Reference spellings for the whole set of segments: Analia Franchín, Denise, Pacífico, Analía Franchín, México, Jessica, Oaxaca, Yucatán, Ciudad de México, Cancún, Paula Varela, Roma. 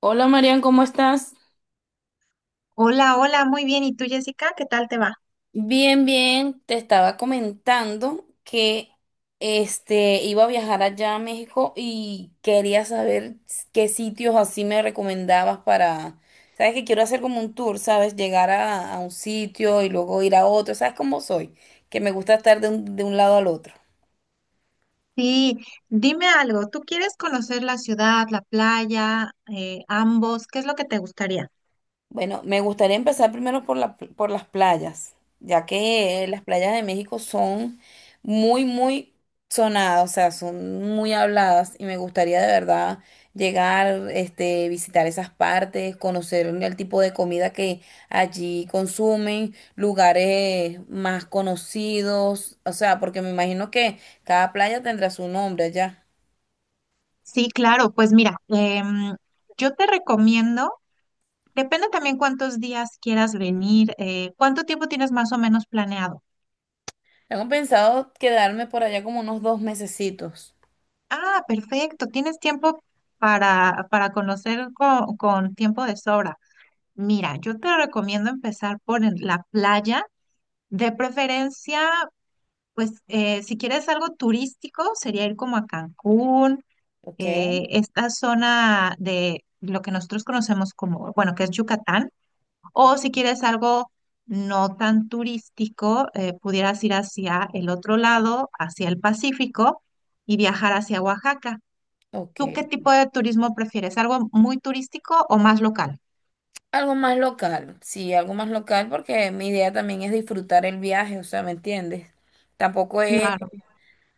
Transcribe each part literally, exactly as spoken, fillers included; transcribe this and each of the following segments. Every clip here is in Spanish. Hola Marian, ¿cómo estás? Hola, hola, muy bien. ¿Y tú, Jessica? ¿Qué tal te va? Bien, bien, te estaba comentando que este iba a viajar allá a México y quería saber qué sitios así me recomendabas para, sabes que quiero hacer como un tour, sabes, llegar a, a un sitio y luego ir a otro, sabes cómo soy, que me gusta estar de un, de un lado al otro. Sí, dime algo. ¿Tú quieres conocer la ciudad, la playa, eh, ambos? ¿Qué es lo que te gustaría? Bueno, me gustaría empezar primero por la- por las playas, ya que eh, las playas de México son muy, muy sonadas, o sea, son muy habladas y me gustaría de verdad llegar, este, visitar esas partes, conocer el tipo de comida que allí consumen, lugares más conocidos, o sea, porque me imagino que cada playa tendrá su nombre allá. Sí, claro. Pues mira, em, yo te recomiendo, depende también cuántos días quieras venir, eh, cuánto tiempo tienes más o menos planeado. Tengo pensado quedarme por allá como unos dos mesecitos, Ah, perfecto. Tienes tiempo para, para conocer con, con tiempo de sobra. Mira, yo te recomiendo empezar por en- la playa, de preferencia. Pues eh, si quieres algo turístico, sería ir como a Cancún, ¿ok? eh, esta zona de lo que nosotros conocemos como, bueno, que es Yucatán, o si quieres algo no tan turístico, eh, pudieras ir hacia el otro lado, hacia el Pacífico y viajar hacia Oaxaca. Ok. ¿Tú qué tipo de turismo prefieres? ¿Algo muy turístico o más local? Algo más local, sí, algo más local porque mi idea también es disfrutar el viaje, o sea, ¿me entiendes? Tampoco es Claro,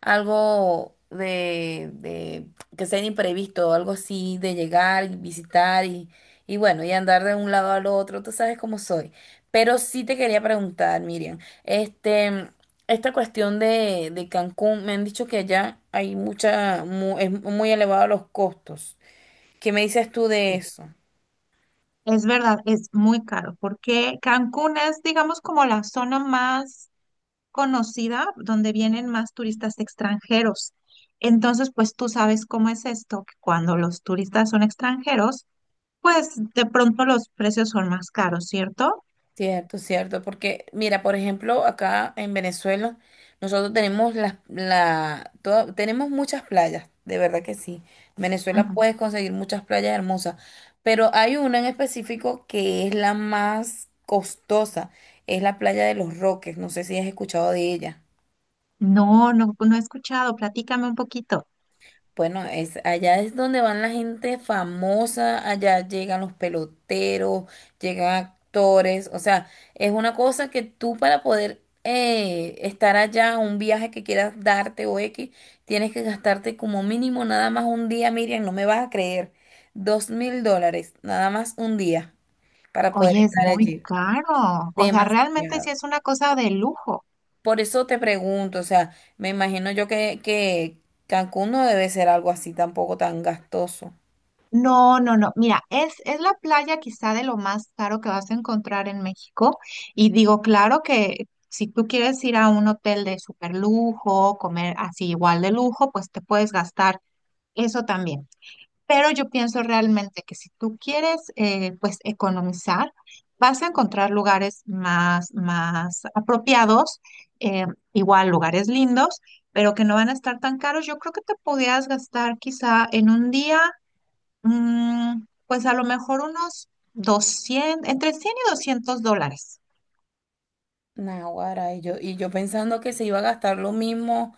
algo de, de que sea imprevisto, algo así de llegar y visitar y, y bueno, y andar de un lado al otro, tú sabes cómo soy. Pero sí te quería preguntar, Miriam, este, esta cuestión de, de Cancún, me han dicho que allá hay mucha, mu- es muy elevado los costos. ¿Qué me dices tú de sí. eso? Es verdad, es muy caro, porque Cancún es, digamos, como la zona más conocida donde vienen más turistas extranjeros. Entonces, pues tú sabes cómo es esto, que cuando los turistas son extranjeros, pues de pronto los precios son más caros, ¿cierto? Cierto, cierto, porque mira, por ejemplo, acá en Venezuela nosotros tenemos las la, toda- tenemos muchas playas, de verdad que sí. En Venezuela Ujú. puedes conseguir muchas playas hermosas, pero hay una en específico que es la más costosa, es la playa de Los Roques, no sé si has escuchado de ella. No, no, no he escuchado, platícame un poquito. Bueno, es, allá es donde van la gente famosa, allá llegan los peloteros, llegan actores, o sea, es una cosa que tú para poder eh, estar allá, un viaje que quieras darte o X, tienes que gastarte como mínimo nada más un día, Miriam, no me vas a creer, dos mil dólares, nada más un día para poder Oye, es estar muy allí. caro. O sea, realmente sí Demasiado. es una cosa de lujo. Por eso te pregunto, o sea, me imagino yo que, que Cancún no debe ser algo así tampoco tan gastoso. No, no, no. Mira, es, es la playa quizá de lo más caro que vas a encontrar en México. Y digo, claro que si tú quieres ir a un hotel de super lujo, comer así igual de lujo, pues te puedes gastar eso también. Pero yo pienso realmente que si tú quieres, eh, pues economizar, vas a encontrar lugares más, más apropiados, eh, igual lugares lindos, pero que no van a estar tan caros. Yo creo que te podías gastar quizá en un día. Mm, pues a lo mejor unos doscientos entre cien y doscientos dólares. Naguará, y yo, y yo pensando que se iba a gastar lo mismo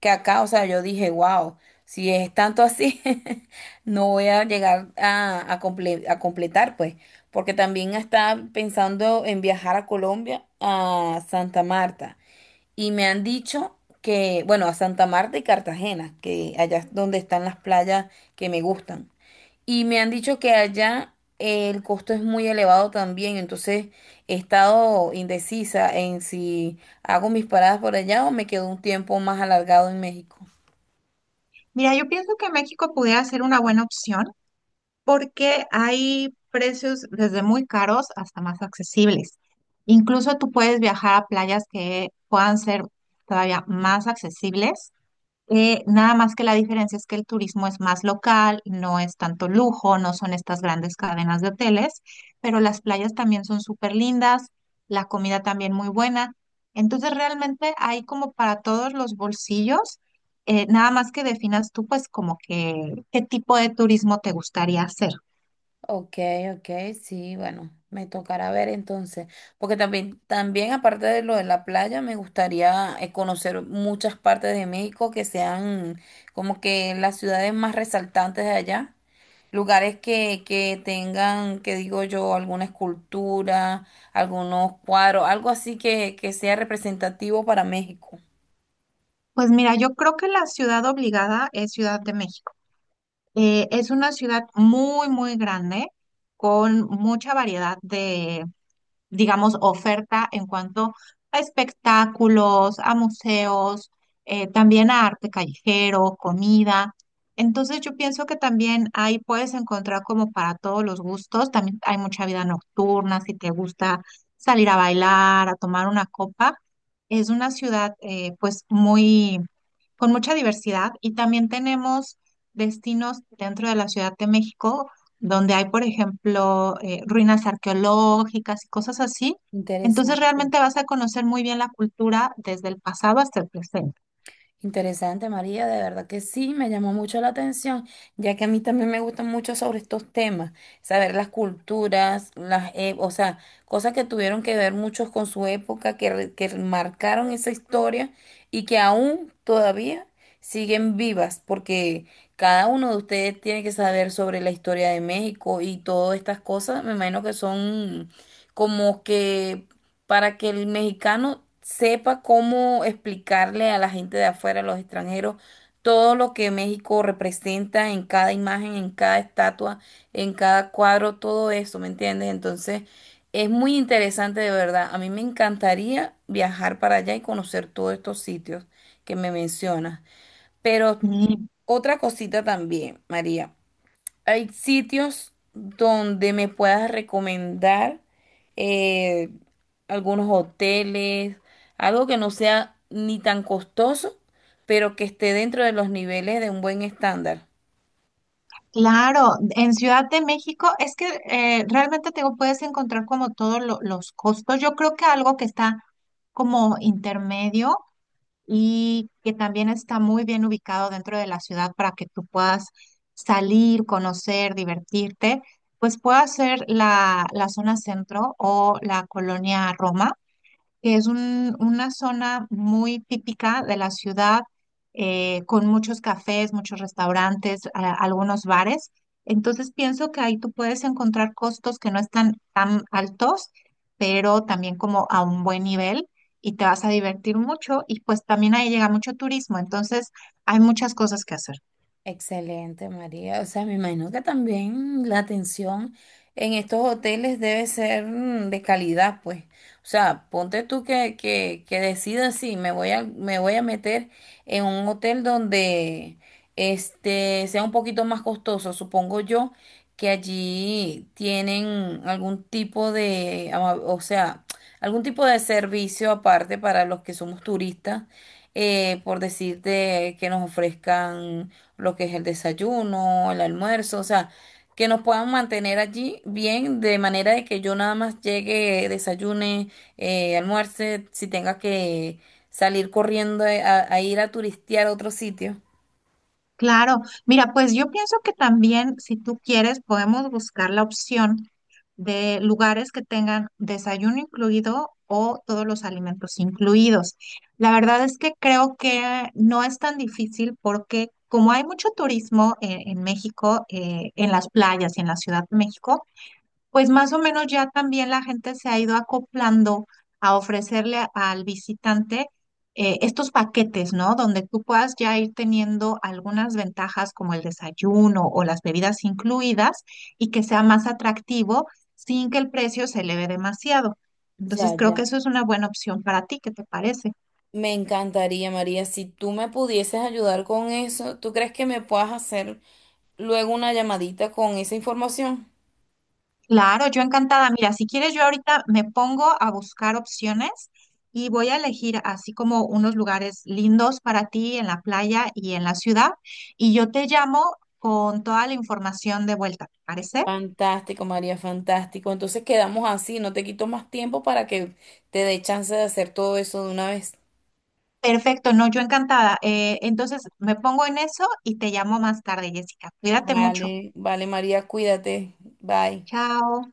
que acá, o sea, yo dije, wow, si es tanto así, no voy a llegar a, a, comple- a completar, pues, porque también está pensando en viajar a Colombia, a Santa Marta, y me han dicho que, bueno, a Santa Marta y Cartagena, que allá es donde están las playas que me gustan. Y me han dicho que allá el costo es muy elevado también, entonces he estado indecisa en si hago mis paradas por allá o me quedo un tiempo más alargado en México. Mira, yo pienso que México pudiera ser una buena opción porque hay precios desde muy caros hasta más accesibles. Incluso tú puedes viajar a playas que puedan ser todavía más accesibles. Eh, nada más que la diferencia es que el turismo es más local, no es tanto lujo, no son estas grandes cadenas de hoteles, pero las playas también son súper lindas, la comida también muy buena. Entonces realmente hay como para todos los bolsillos, eh, nada más que definas tú pues como que qué tipo de turismo te gustaría hacer. Ok, ok, sí, bueno, me tocará ver entonces, porque también, también aparte de lo de la playa, me gustaría eh, conocer muchas partes de México que sean como que las ciudades más resaltantes de allá. Lugares que, que tengan, que digo yo, alguna escultura, algunos cuadros, algo así que, que sea representativo para México. Pues mira, yo creo que la ciudad obligada es Ciudad de México. Eh, es una ciudad muy, muy grande, con mucha variedad, digamos, oferta en cuanto a espectáculos, a museos, eh, también a arte callejero, comida. Entonces yo pienso que también ahí puedes encontrar como para todos los gustos, también hay mucha vida nocturna, si te gusta salir a bailar, a tomar una copa. Es una ciudad eh, pues muy, con mucha diversidad y también tenemos destinos dentro de la Ciudad de México donde hay, por ejemplo, eh, ruinas arqueológicas y cosas así. Entonces Interesante. realmente vas a conocer muy bien la cultura desde el pasado hasta el presente. Interesante, María, de verdad que sí, me llamó mucho la atención, ya que a mí también me gustan mucho sobre estos temas, saber las culturas, las, e- o sea, cosas que tuvieron que ver muchos con su época, que, re- que marcaron esa historia y que aún todavía siguen vivas, porque cada uno de ustedes tiene que saber sobre la historia de México y todas estas cosas, me imagino que son como que para que el mexicano sepa cómo explicarle a la gente de afuera, a los extranjeros, todo lo que México representa en cada imagen, en cada estatua, en cada cuadro, todo eso, ¿me entiendes? Entonces, es muy interesante de verdad. A mí me encantaría viajar para allá y conocer todos estos sitios que me mencionas. Pero Y otra cosita también, María. Hay sitios donde me puedas recomendar eh, algunos hoteles, algo que no sea ni tan costoso, pero que esté dentro de los niveles de un buen estándar. claro, en Ciudad de México es que eh, realmente te digo, puedes encontrar como todos lo- los costos. Yo creo que algo que está como intermedio y que también está muy bien ubicado dentro de la ciudad para que tú puedas salir, conocer, divertirte, pues puede ser la, la zona centro o la colonia Roma, que es un- una zona muy típica de la ciudad, eh, con muchos cafés, muchos restaurantes, a- algunos bares. Entonces pienso que ahí tú puedes encontrar costos que no están tan altos, pero también como a un buen nivel y te vas a divertir mucho y pues también ahí llega mucho turismo, entonces hay muchas cosas que hacer. Excelente, María. O sea, me imagino que también la atención en estos hoteles debe ser mm, de calidad, pues. O sea, ponte tú que, que, que decidas si me voy a, me voy a meter en un hotel donde este sea un poquito más costoso. Supongo yo que allí tienen algún tipo de, ama- o sea, algún tipo de servicio aparte para los que somos turistas eh, por decirte que nos ofrezcan lo que es el desayuno, el almuerzo, o sea, que nos puedan mantener allí bien, de manera de que yo nada más llegue, desayune, eh, almuerce, si tenga que salir corriendo eh, a, a ir a turistear a otro sitio. Claro, mira, pues yo pienso que también si tú quieres podemos buscar la opción de lugares que tengan desayuno incluido o todos los alimentos incluidos. La verdad es que creo que no es tan difícil porque como hay mucho turismo eh, en, México, eh, en las playas y en la Ciudad de México, pues más o menos ya también la gente se ha ido acoplando a ofrecerle a- al visitante eh, estos paquetes, ¿no? Donde tú puedas ya ir teniendo algunas ventajas como el desayuno o las bebidas incluidas y que sea más atractivo sin que el precio se eleve demasiado. Ya, Entonces creo ya. que eso es una buena opción para ti, ¿qué te parece? Me encantaría, María, si tú me pudieses ayudar con eso, ¿tú crees que me puedas hacer luego una llamadita con esa información? Claro, yo encantada. Mira, si quieres, yo ahorita me pongo a buscar opciones y voy a elegir así como unos lugares lindos para ti en la playa y en la ciudad. Y yo te llamo con toda la información de vuelta, ¿te parece? Fantástico, María, fantástico. Entonces quedamos así, no te quito más tiempo para que te dé chance de hacer todo eso de una vez. Perfecto, no, yo encantada. Eh, entonces me pongo en eso y te llamo más tarde, Jessica. Cuídate mucho. Vale, vale, María, cuídate. Bye. Chao.